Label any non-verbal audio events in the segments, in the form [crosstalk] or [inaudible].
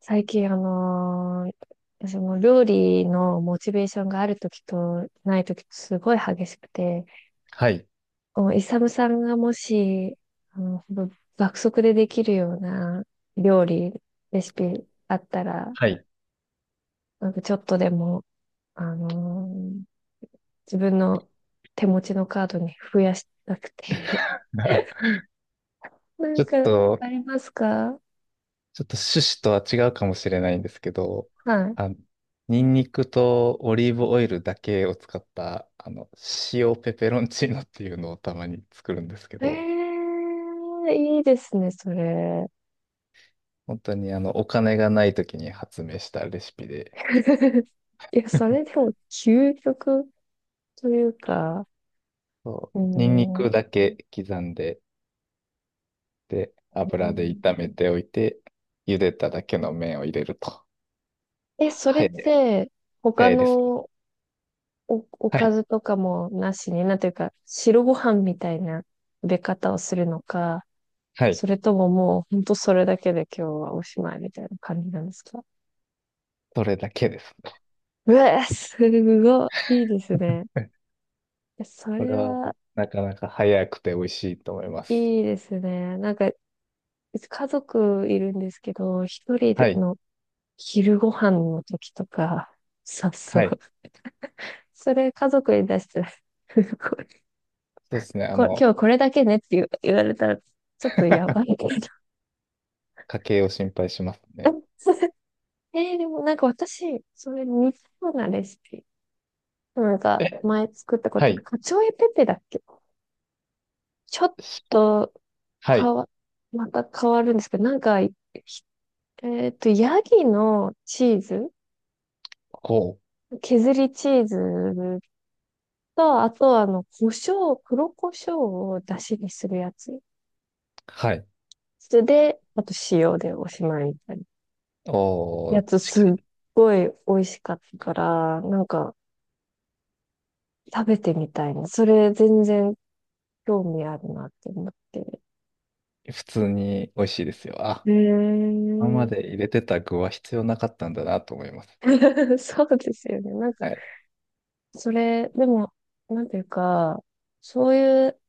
最近、その料理のモチベーションがあるときとないときとすごい激しくて、はい。おイサムさんがもし、ほんと爆速でできるような料理、レシピあったら、はい。なんかちょっとでも、あのー自分の手持ちのカードに増やしたくて、[laughs] [laughs] なちんょっかと、ありますか？ちょっと趣旨とは違うかもしれないんですけど、はい。あの、ニンニクとオリーブオイルだけを使った、あの、塩ペペロンチーノっていうのをたまに作るんですけど、えー、いいですね、それ。本当にお金がない時に発明したレシピで、[laughs] いや、それで [laughs] も究極というか、そうう、ニンニークん。だけ刻んで、で、油で炒めておいて、茹でただけの麺を入れると。え、それはっい。て、他早いですね。のおはかい。ずとかもなしに、なんていうか、白ご飯みたいな食べ方をするのか、はい。それとももう、ほんとそれだけで今日はおしまいみたいな感じなんですか？それだけです。うわ、すごい、いいですね。いやそこれれはは、なかなか早くて美味しいと思います。いいですね。なんか、家族いるんですけど、一人ではい。の昼ご飯の時とか、そうそはう。い。それ家族に出したら、[laughs] こそうですね。あの、今日これだけねって言われたら、ちょっとやばい [laughs] け家計を心配しますど。ね。[laughs] それでもなんか私、それ似たようなレシピ。なんかえ、前作ったこはとで、い。カチョエペペだっけ。ちょっしとはい。変わ、また変わるんですけど、なんか、ヤギのチーズ、こう。削りチーズと、あと胡椒、黒胡椒を出汁にするやつ。はい。それで、あと塩でおしまいみたいなおやー、つす近っい。ごい美味しかったから、なんか食べてみたいな。それ全然興味あるなって思って。普通に美味しいですよ。あ、へ今まー。 で入れてた具は必要なかったんだなと思います。[laughs] そうですよね。なんか、はい。それ、でも、なんていうか、そういう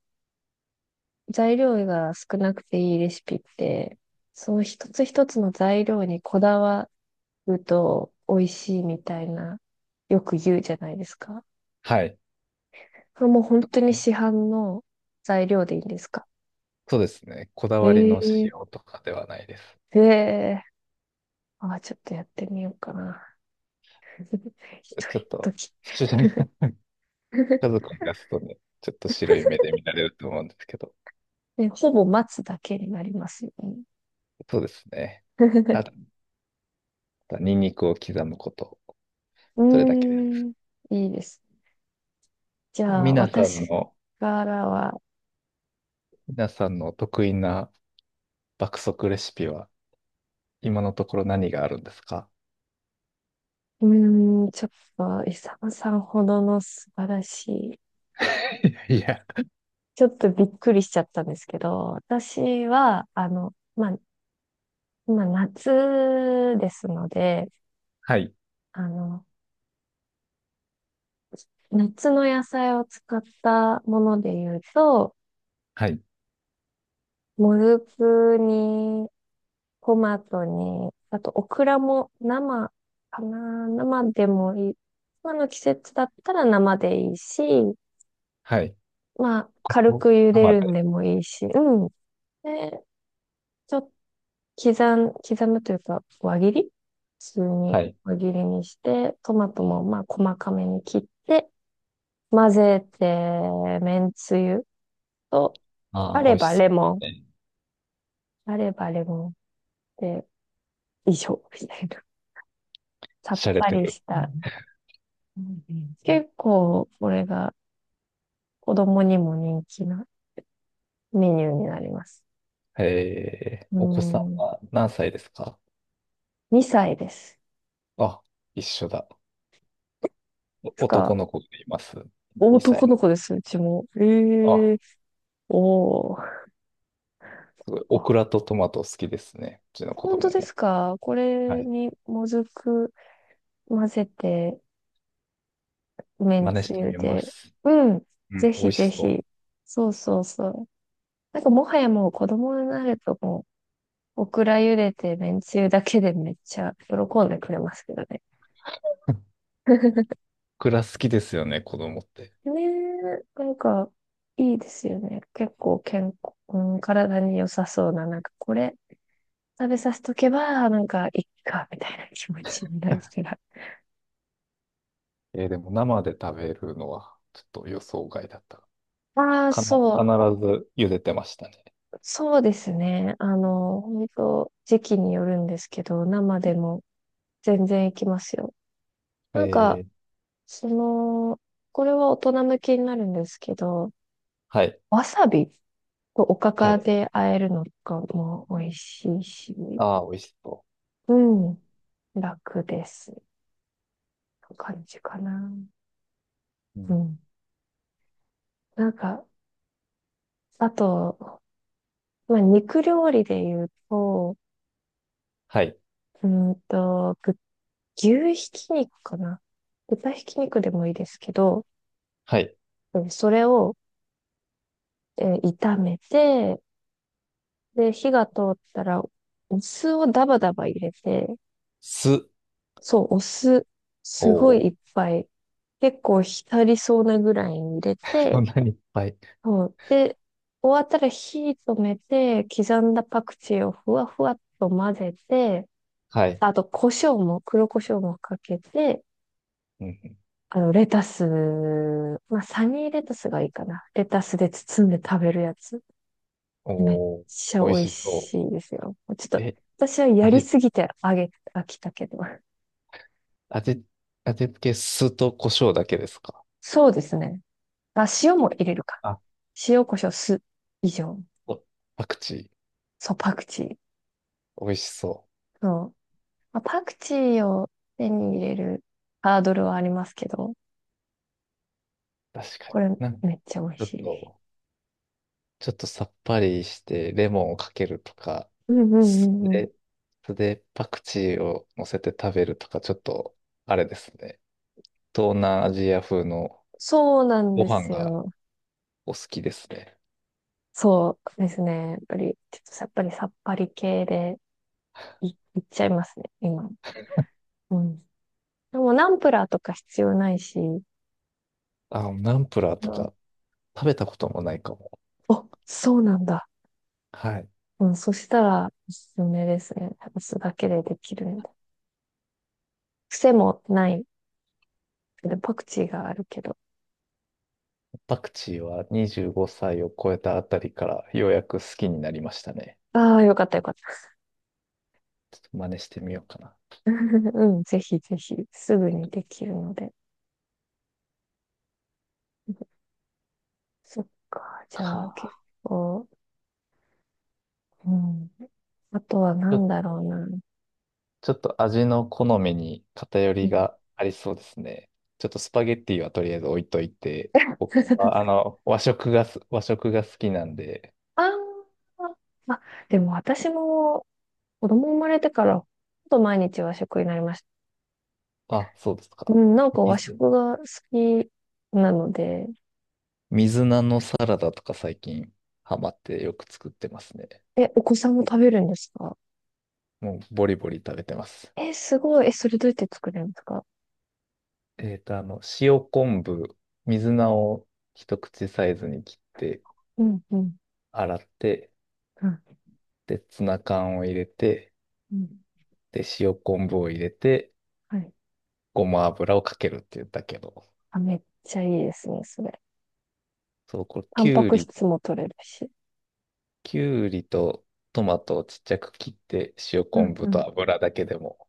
材料が少なくていいレシピって、その一つ一つの材料にこだわると美味しいみたいな、よく言うじゃないですか。はい。これもう本当にこ市販の材料でいいんですか？そうですね。こだわりのえ塩えとかではないです。ええ、あ、ちょっとやってみようかな。[laughs] 一人ちょっのと、時。[laughs] 主人家 [laughs] 族に出すとね、ちょっと白い目で見られると思うんですけど。ね、ほぼ待つだけになりますよね。そうですね。[laughs] あ、ニンニクを刻むこと、うーそれだけです。ん、いいです。じゃあ、皆さん私の、からは、皆さんの得意な爆速レシピは、今のところ何があるんですか？ うーん、ちょっと、イサムさんほどの素晴らしい、[laughs] いや、ちょっとびっくりしちゃったんですけど、私は、まあ、今夏ですので、はい、あの、夏の野菜を使ったもので言うと、はい、もずくに、トマトに、あとオクラも生かな、生でもいい。今の季節だったら生でいいし、はい。まあ、軽おく茹で生るんで。でもいいし、うん。で、ちょっと刻むというか、輪切り普通はにい。輪切りにして、トマトもまあ、細かめに切って、混ぜて、めんつゆと、あああ、美れ味しばそうレモン。ですね。あればレモンで、以上、[laughs] みたいな。[laughs] さっ洒ぱてりる。した。うん結構、これが子供にも人気なメニューになります。えー、うお子さんん、は何歳ですか？2歳です。あ、一緒だ。つおか、男の子がいます。2男の歳子です、うちも。の。えあ、え、おお。すごい。オあ、クラとトマト好きですね。うちの子本当供でも。すか？こはれい。にもずく混ぜて、めん真似しつてゆみまで。す。うん、うん、ぜ美ひ味しぜそう。ひ。そうそうそう。なんかもはやもう子供になるともうオクラ茹でてめんつゆだけでめっちゃ喜んでくれますけどね。クラ好きですよね、子供って。ねえ、なんか、いいですよね。結構健康、うん、体に良さそうな、なんかこれ食べさせとけば、なんかいっか、みたいな気持ちになるから。えーでも生で食べるのはちょっと予想外だった。ああ、かな、必そう、ず茹でてましたね。そうですね。本当時期によるんですけど、生でも全然いきますよ。なんか、えー、その、これは大人向けになるんですけど、はい、わさびとおかはかい。で和えるのとかも美味しいし、ああ、美味しそうん、楽です。感じかな。う。ううん、ん。なんか、あと、まあ、肉料理で言うと、はい、うんと、ぐ牛ひき肉かな。豚ひき肉でもいいですけど、はい。それを、炒めて、で、火が通ったら、お酢をダバダバ入れて、酢。そう、お酢、おすごいいっお、ぱい。結構浸りそうなぐらいに入れ [laughs] そて、んなにいっぱい。そう。で、終わったら火止めて、刻んだパクチーをふわふわっと混ぜて、はい。あと、胡椒も、黒胡椒もかけて、うん、レタス、まあ、サニーレタスがいいかな。レタスで包んで食べるやつ。おめっお、ちゃ美味美味しそしいですよ。ちょっう。と、え、私はあやりれ、すぎて飽きたけど。味、味付け酢と胡椒だけですか？そうですね。あ、塩も入れるか。あ、塩コショ酢以上。おパクチそう、パクチー。ー。美味しそそう。まあ、パクチーを手に入れるハードルはありますけど、う。確かに。これなんめっちゃ美味ちょっしい。と、ちょっとさっぱりしてレモンをかけるとか、うんうんうそんうん。れ、それでパクチーを乗せて食べるとか、ちょっとあれですね。東南アジア風のそうなんごで飯すがよ。お好きですね。そうですね。やっぱり、ちょっとやっぱりさっぱり系でい、いっちゃいますね、今。うん。でもナンプラーとか必要ないし、あ、ナンプラーうとん、か食べたこともないかも。お、そうなんだ。はい。うん、そしたらおすすめですね。お酢だけでできるんで。癖もない。でパクチーがあるけど。パクチーは25歳を超えたあたりからようやく好きになりましたね。ああ、よかったよかった。ちょっと真似してみようかな。[laughs] うん、ぜひぜひ、すぐにできるので。そっか、じかゃあ結あ。構、うん。あとはちなょっんだろうな。ちょっと味の好みに偏うりん、がありそうですね。ちょっとスパゲッティはとりあえず置いといて、[laughs] 僕は、あの、和食が好きなんで、あーあ、でも私も子供生まれてから、ほとんど毎日和食になりました。あ、そうですうか。ん、なんか和水、食が好きなので、水菜のサラダとか最近ハマってよく作ってますね。え、お子さんも食べるんですか？もうボリボリ食べてます。え、すごい。え、それどうやって作れるんですか？塩昆布、水菜を一口サイズに切ってうん、うん、洗って、うん。で、ツナ缶を入れて、うん、で、塩昆布を入れて、はい。ごま油をかけるって言ったけど、あ、めっちゃいいですね、それ。そう、これ、タきンパゅうクり、質も取れるし。きゅうりとトマトをちっちゃく切って、塩うん昆布うん。と油だけでも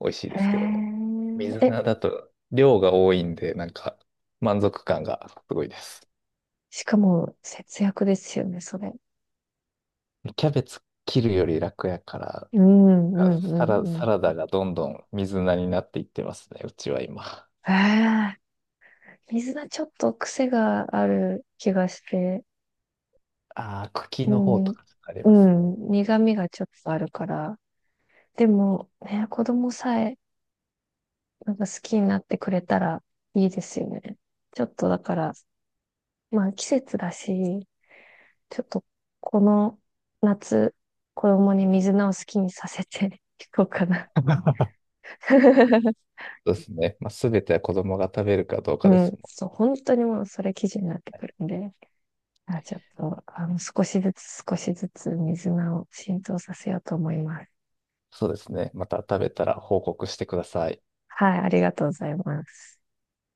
美味しいですけどね。へ水え。え、菜だと量が多いんで、なんか満足感がすごいです。しかも節約ですよね、それ。キャベツ切るより楽やから、うんうんうんうん。サラダがどんどん水菜になっていってますね、うちは今。へえ。水菜ちょっと癖がある気がして、ああ、茎うの方ん、とかありうますね。ん、苦味がちょっとあるから。でも、ね、子供さえなんか好きになってくれたらいいですよね。ちょっとだから、まあ季節だし、ちょっと、この夏、子供に水菜を好きにさせてい [laughs] こうかな。[laughs] [laughs] そうですね。まあ、すべては子供が食べるかどううかですん、ね。そう、本当にもうそれ基準になってくるんで、あちょっと、少しずつ少しずつ水菜を浸透させようと思います。そうですね。また食べたら報告してください。はい、ありがとうございます。